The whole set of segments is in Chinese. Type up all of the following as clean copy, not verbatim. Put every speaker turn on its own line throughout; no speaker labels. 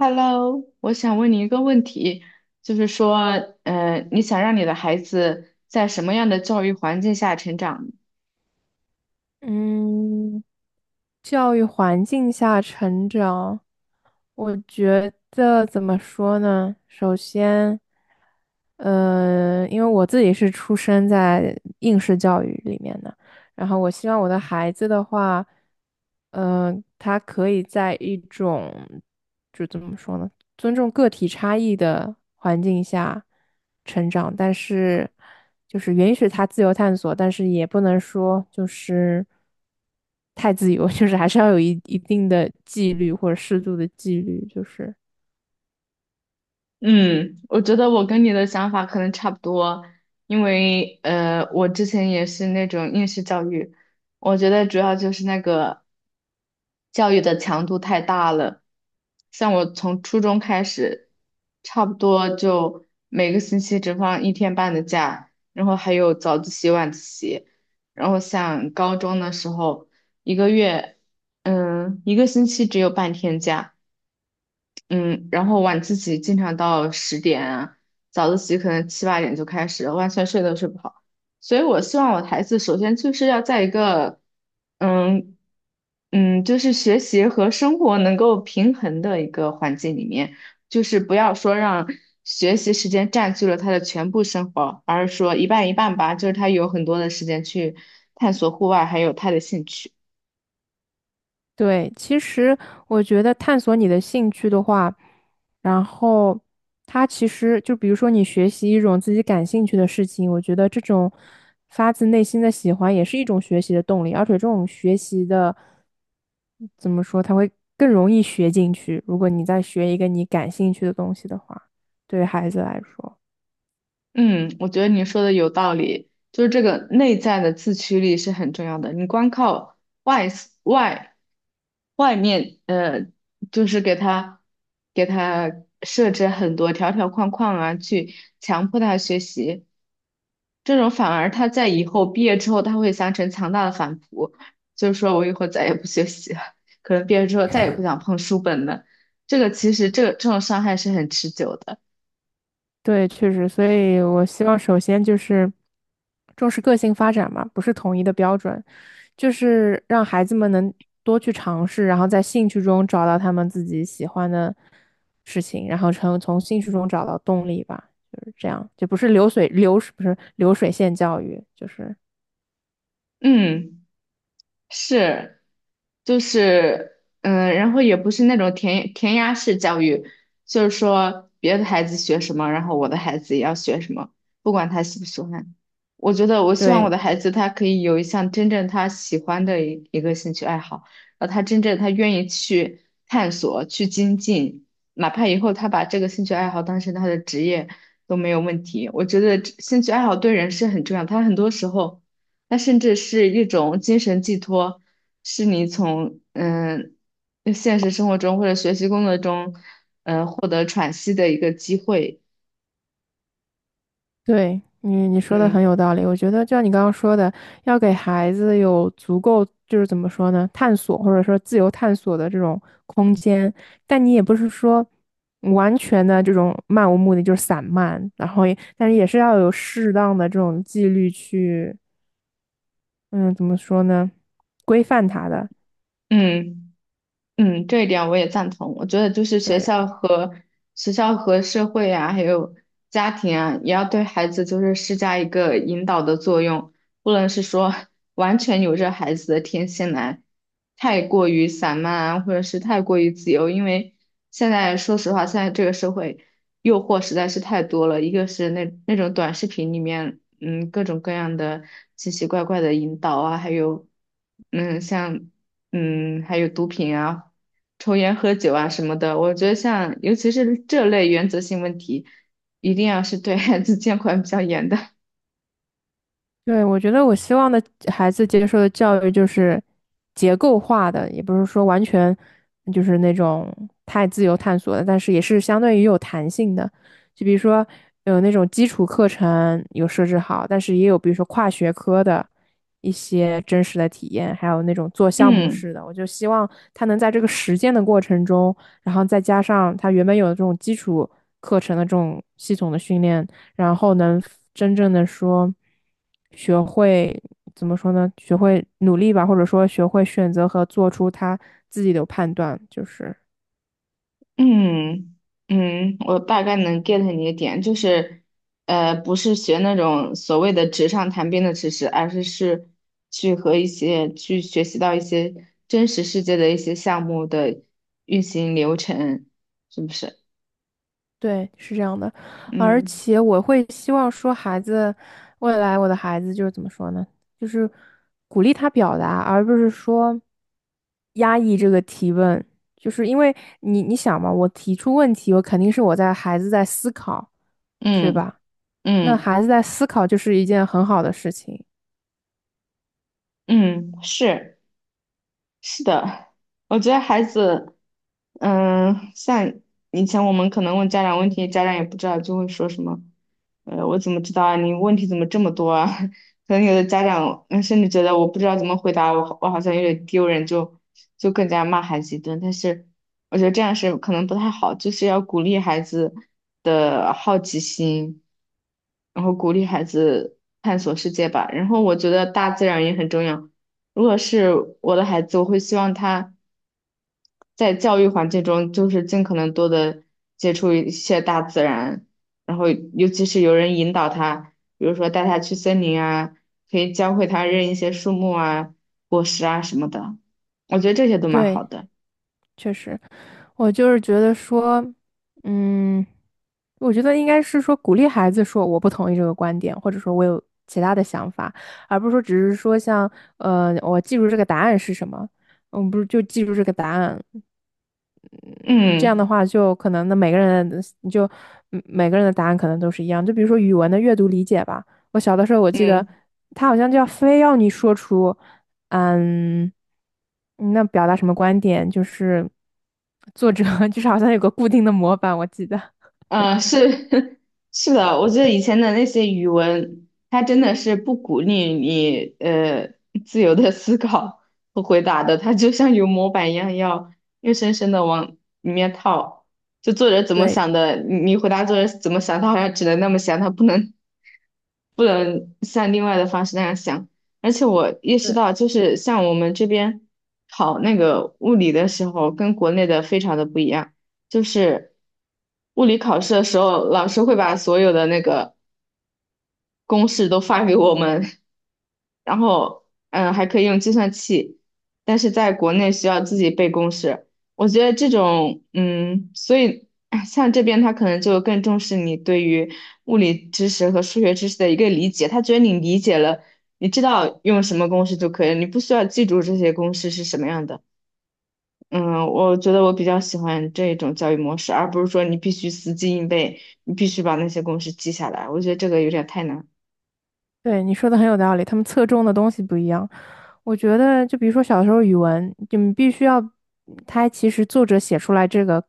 Hello，我想问你一个问题，就是说，你想让你的孩子在什么样的教育环境下成长呢？
嗯，教育环境下成长，我觉得怎么说呢？首先，因为我自己是出生在应试教育里面的，然后我希望我的孩子的话，嗯，他可以在一种，就怎么说呢？尊重个体差异的环境下成长，但是就是允许他自由探索，但是也不能说就是太自由，就是还是要有一定的纪律或者适度的纪律，就是
嗯，我觉得我跟你的想法可能差不多。因为我之前也是那种应试教育，我觉得主要就是那个教育的强度太大了。像我从初中开始，差不多就每个星期只放1天半的假，然后还有早自习、晚自习。然后像高中的时候，一个月，嗯，一个星期只有半天假。嗯，然后晚自习经常到10点啊，早自习可能7、8点就开始了，完全睡都睡不好。所以我希望我的孩子首先就是要在一个，嗯就是学习和生活能够平衡的一个环境里面，就是不要说让学习时间占据了他的全部生活，而是说一半一半吧，就是他有很多的时间去探索户外，还有他的兴趣。
对，其实我觉得探索你的兴趣的话，然后他其实就比如说你学习一种自己感兴趣的事情，我觉得这种发自内心的喜欢也是一种学习的动力，而且这种学习的怎么说，它会更容易学进去。如果你再学一个你感兴趣的东西的话，对于孩子来说。
嗯，我觉得你说的有道理，就是这个内在的自驱力是很重要的。你光靠外 s- 外外面，就是给他设置很多条条框框啊，去强迫他学习，这种反而他在以后毕业之后，他会形成强大的反扑，就是说我以后再也不学习了，可能毕业之后再也不想碰书本了。这个其实这种伤害是很持久的。
对，确实，所以我希望首先就是重视个性发展嘛，不是统一的标准，就是让孩子们能多去尝试，然后在兴趣中找到他们自己喜欢的事情，然后从兴趣中找到动力吧，就是这样，就不是流水，不是流水线教育，就是
嗯。是，就是，嗯，然后也不是那种填鸭式教育，就是说别的孩子学什么，然后我的孩子也要学什么，不管他喜不喜欢。我觉得我希望我
对，
的孩子他可以有一项真正他喜欢的一个兴趣爱好，然后他真正他愿意去探索、去精进，哪怕以后他把这个兴趣爱好当成他的职业都没有问题。我觉得这兴趣爱好对人是很重要，他很多时候。它甚至是一种精神寄托，是你从现实生活中或者学习工作中，获得喘息的一个机会。
对你说的
嗯
很有道理。我觉得，就像你刚刚说的，要给孩子有足够，就是怎么说呢，探索或者说自由探索的这种空间。但你也不是说完全的这种漫无目的，就是散漫，然后也，但是也是要有适当的这种纪律去，嗯，怎么说呢，规范他的。
嗯。嗯，这一点我也赞同。我觉得就是学
对，
校和学校和社会啊，还有家庭啊，也要对孩子就是施加一个引导的作用，不能是说完全由着孩子的天性来，太过于散漫啊，或者是太过于自由。因为现在说实话，现在这个社会诱惑实在是太多了，一个是那种短视频里面，嗯，各种各样的奇奇怪怪的引导啊，还有。嗯，像还有毒品啊、抽烟、喝酒啊什么的，我觉得像尤其是这类原则性问题，一定要是对孩子监管比较严的。
对，我觉得我希望的孩子接受的教育就是结构化的，也不是说完全就是那种太自由探索的，但是也是相对于有弹性的。就比如说有那种基础课程有设置好，但是也有比如说跨学科的一些真实的体验，还有那种做项目
嗯
式的。我就希望他能在这个实践的过程中，然后再加上他原本有的这种基础课程的这种系统的训练。然后能真正的说学会怎么说呢？学会努力吧，或者说学会选择和做出他自己的判断，就是
嗯嗯，我大概能 get 你的点，就是不是学那种所谓的纸上谈兵的知识，而是去和一些去学习到一些真实世界的一些项目的运行流程，是不是？
对，是这样的。而
嗯
且我会希望说，孩子未来我的孩子就是怎么说呢？就是鼓励他表达，而不是说压抑这个提问。就是因为你想嘛，我提出问题，我肯定是我在孩子在思考，对
嗯
吧？那
嗯
孩子在思考就是一件很好的事情。
嗯，是。是的，我觉得孩子，嗯，像以前我们可能问家长问题，家长也不知道，就会说什么，我怎么知道啊？你问题怎么这么多啊？可能有的家长，嗯，甚至觉得我不知道怎么回答，我好像有点丢人，就更加骂孩子一顿。但是我觉得这样是可能不太好，就是要鼓励孩子的好奇心，然后鼓励孩子探索世界吧。然后我觉得大自然也很重要。如果是我的孩子，我会希望他在教育环境中，就是尽可能多的接触一些大自然，然后尤其是有人引导他，比如说带他去森林啊，可以教会他认一些树木啊、果实啊什么的，我觉得这些都蛮
对，
好的。
确实，我就是觉得说，嗯，我觉得应该是说鼓励孩子说我不同意这个观点，或者说我有其他的想法，而不是说只是说像我记住这个答案是什么，嗯，不是就记住这个答案，嗯，这样的
嗯
话就可能那每个人你就嗯每个人的答案可能都是一样。就比如说语文的阅读理解吧，我小的时候我记得
嗯。
他好像就要非要你说出，嗯，那表达什么观点，就是作者 就是好像有个固定的模板，我记得。
嗯，是 是的，我觉得以前的那些语文，它真的是不鼓励你自由的思考和回答的，它就像有模板一样，要硬生生的往里面套。就作者怎么
对
想的，你回答作者怎么想，他好像只能那么想，他不能像另外的方式那样想。而且我意识
对
到，就是像我们这边考那个物理的时候，跟国内的非常的不一样。就是物理考试的时候，老师会把所有的那个公式都发给我们，然后嗯，还可以用计算器，但是在国内需要自己背公式。我觉得这种嗯，所以哎像这边他可能就更重视你对于物理知识和数学知识的一个理解，他觉得你理解了，你知道用什么公式就可以了，你不需要记住这些公式是什么样的。嗯，我觉得我比较喜欢这种教育模式，而不是说你必须死记硬背，你必须把那些公式记下来。我觉得这个有点太难。
对，你说的很有道理，他们侧重的东西不一样。我觉得，就比如说小时候语文，就你必须要，他其实作者写出来这个，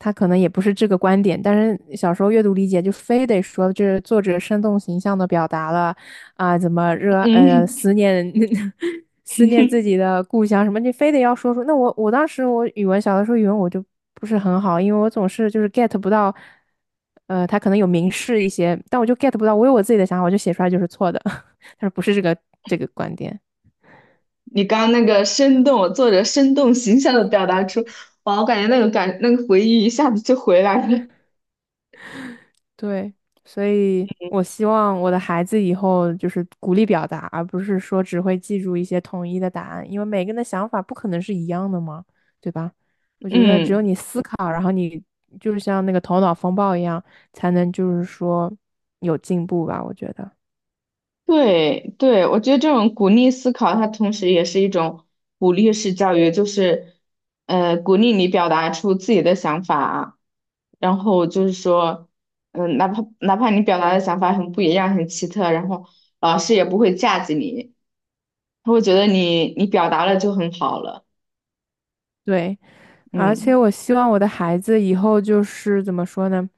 他可能也不是这个观点，但是小时候阅读理解就非得说这作者生动形象的表达了啊，怎么
嗯，
思念 思念自 己的故乡什么，你非得要说出。那我当时我语文小的时候语文我就不是很好，因为我总是就是 get 不到，他可能有明示一些，但我就 get 不到，我有我自己的想法，我就写出来就是错的，他说不是这个观点。
你刚刚那个生动，作者生动形象的表达出，哇，我感觉那个感，那个回忆一下子就回来了。
对，所以我希望我的孩子以后就是鼓励表达，而不是说只会记住一些统一的答案，因为每个人的想法不可能是一样的嘛，对吧？我觉得只有
嗯。
你思考，然后你就是像那个头脑风暴一样，才能就是说有进步吧，我觉得。
对对，我觉得这种鼓励思考，它同时也是一种鼓励式教育，就是，鼓励你表达出自己的想法，然后就是说，嗯，哪怕你表达的想法很不一样、很奇特，然后老师也不会架子你，他会觉得你表达了就很好了。
对，而且
嗯
我希望我的孩子以后就是怎么说呢？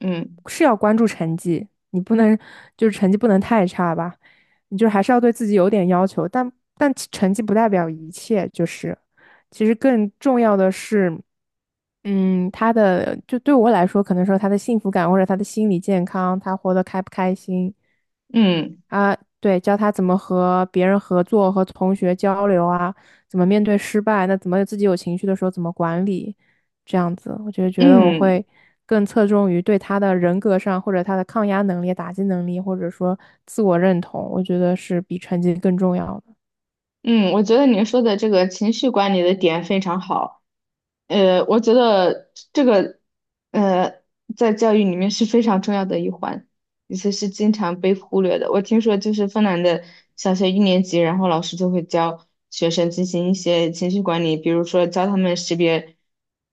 嗯
是要关注成绩，你不能就是成绩不能太差吧，你就还是要对自己有点要求，但其成绩不代表一切，就是其实更重要的是，嗯，他的就对我来说，可能说他的幸福感或者他的心理健康，他活得开不开心，
嗯
啊，对，教他怎么和别人合作、和同学交流啊，怎么面对失败，那怎么自己有情绪的时候怎么管理，这样子，我就觉得我
嗯
会更侧重于对他的人格上，或者他的抗压能力、打击能力，或者说自我认同，我觉得是比成绩更重要的。
嗯，我觉得你说的这个情绪管理的点非常好。我觉得这个，呃，在教育里面是非常重要的一环，而且是经常被忽略的。我听说，就是芬兰的小学1年级，然后老师就会教学生进行一些情绪管理，比如说教他们识别，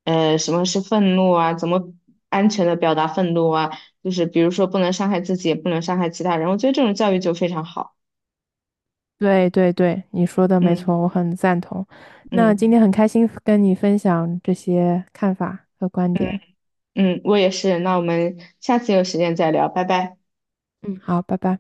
什么是愤怒啊，怎么安全的表达愤怒啊，就是比如说不能伤害自己，也不能伤害其他人。我觉得这种教育就非常好。
对对对，你说的没错，
嗯
我很赞同。那今天
嗯
很开心跟你分享这些看法和观点。
嗯，我也是。那我们下次有时间再聊，拜拜。
嗯，好，拜拜。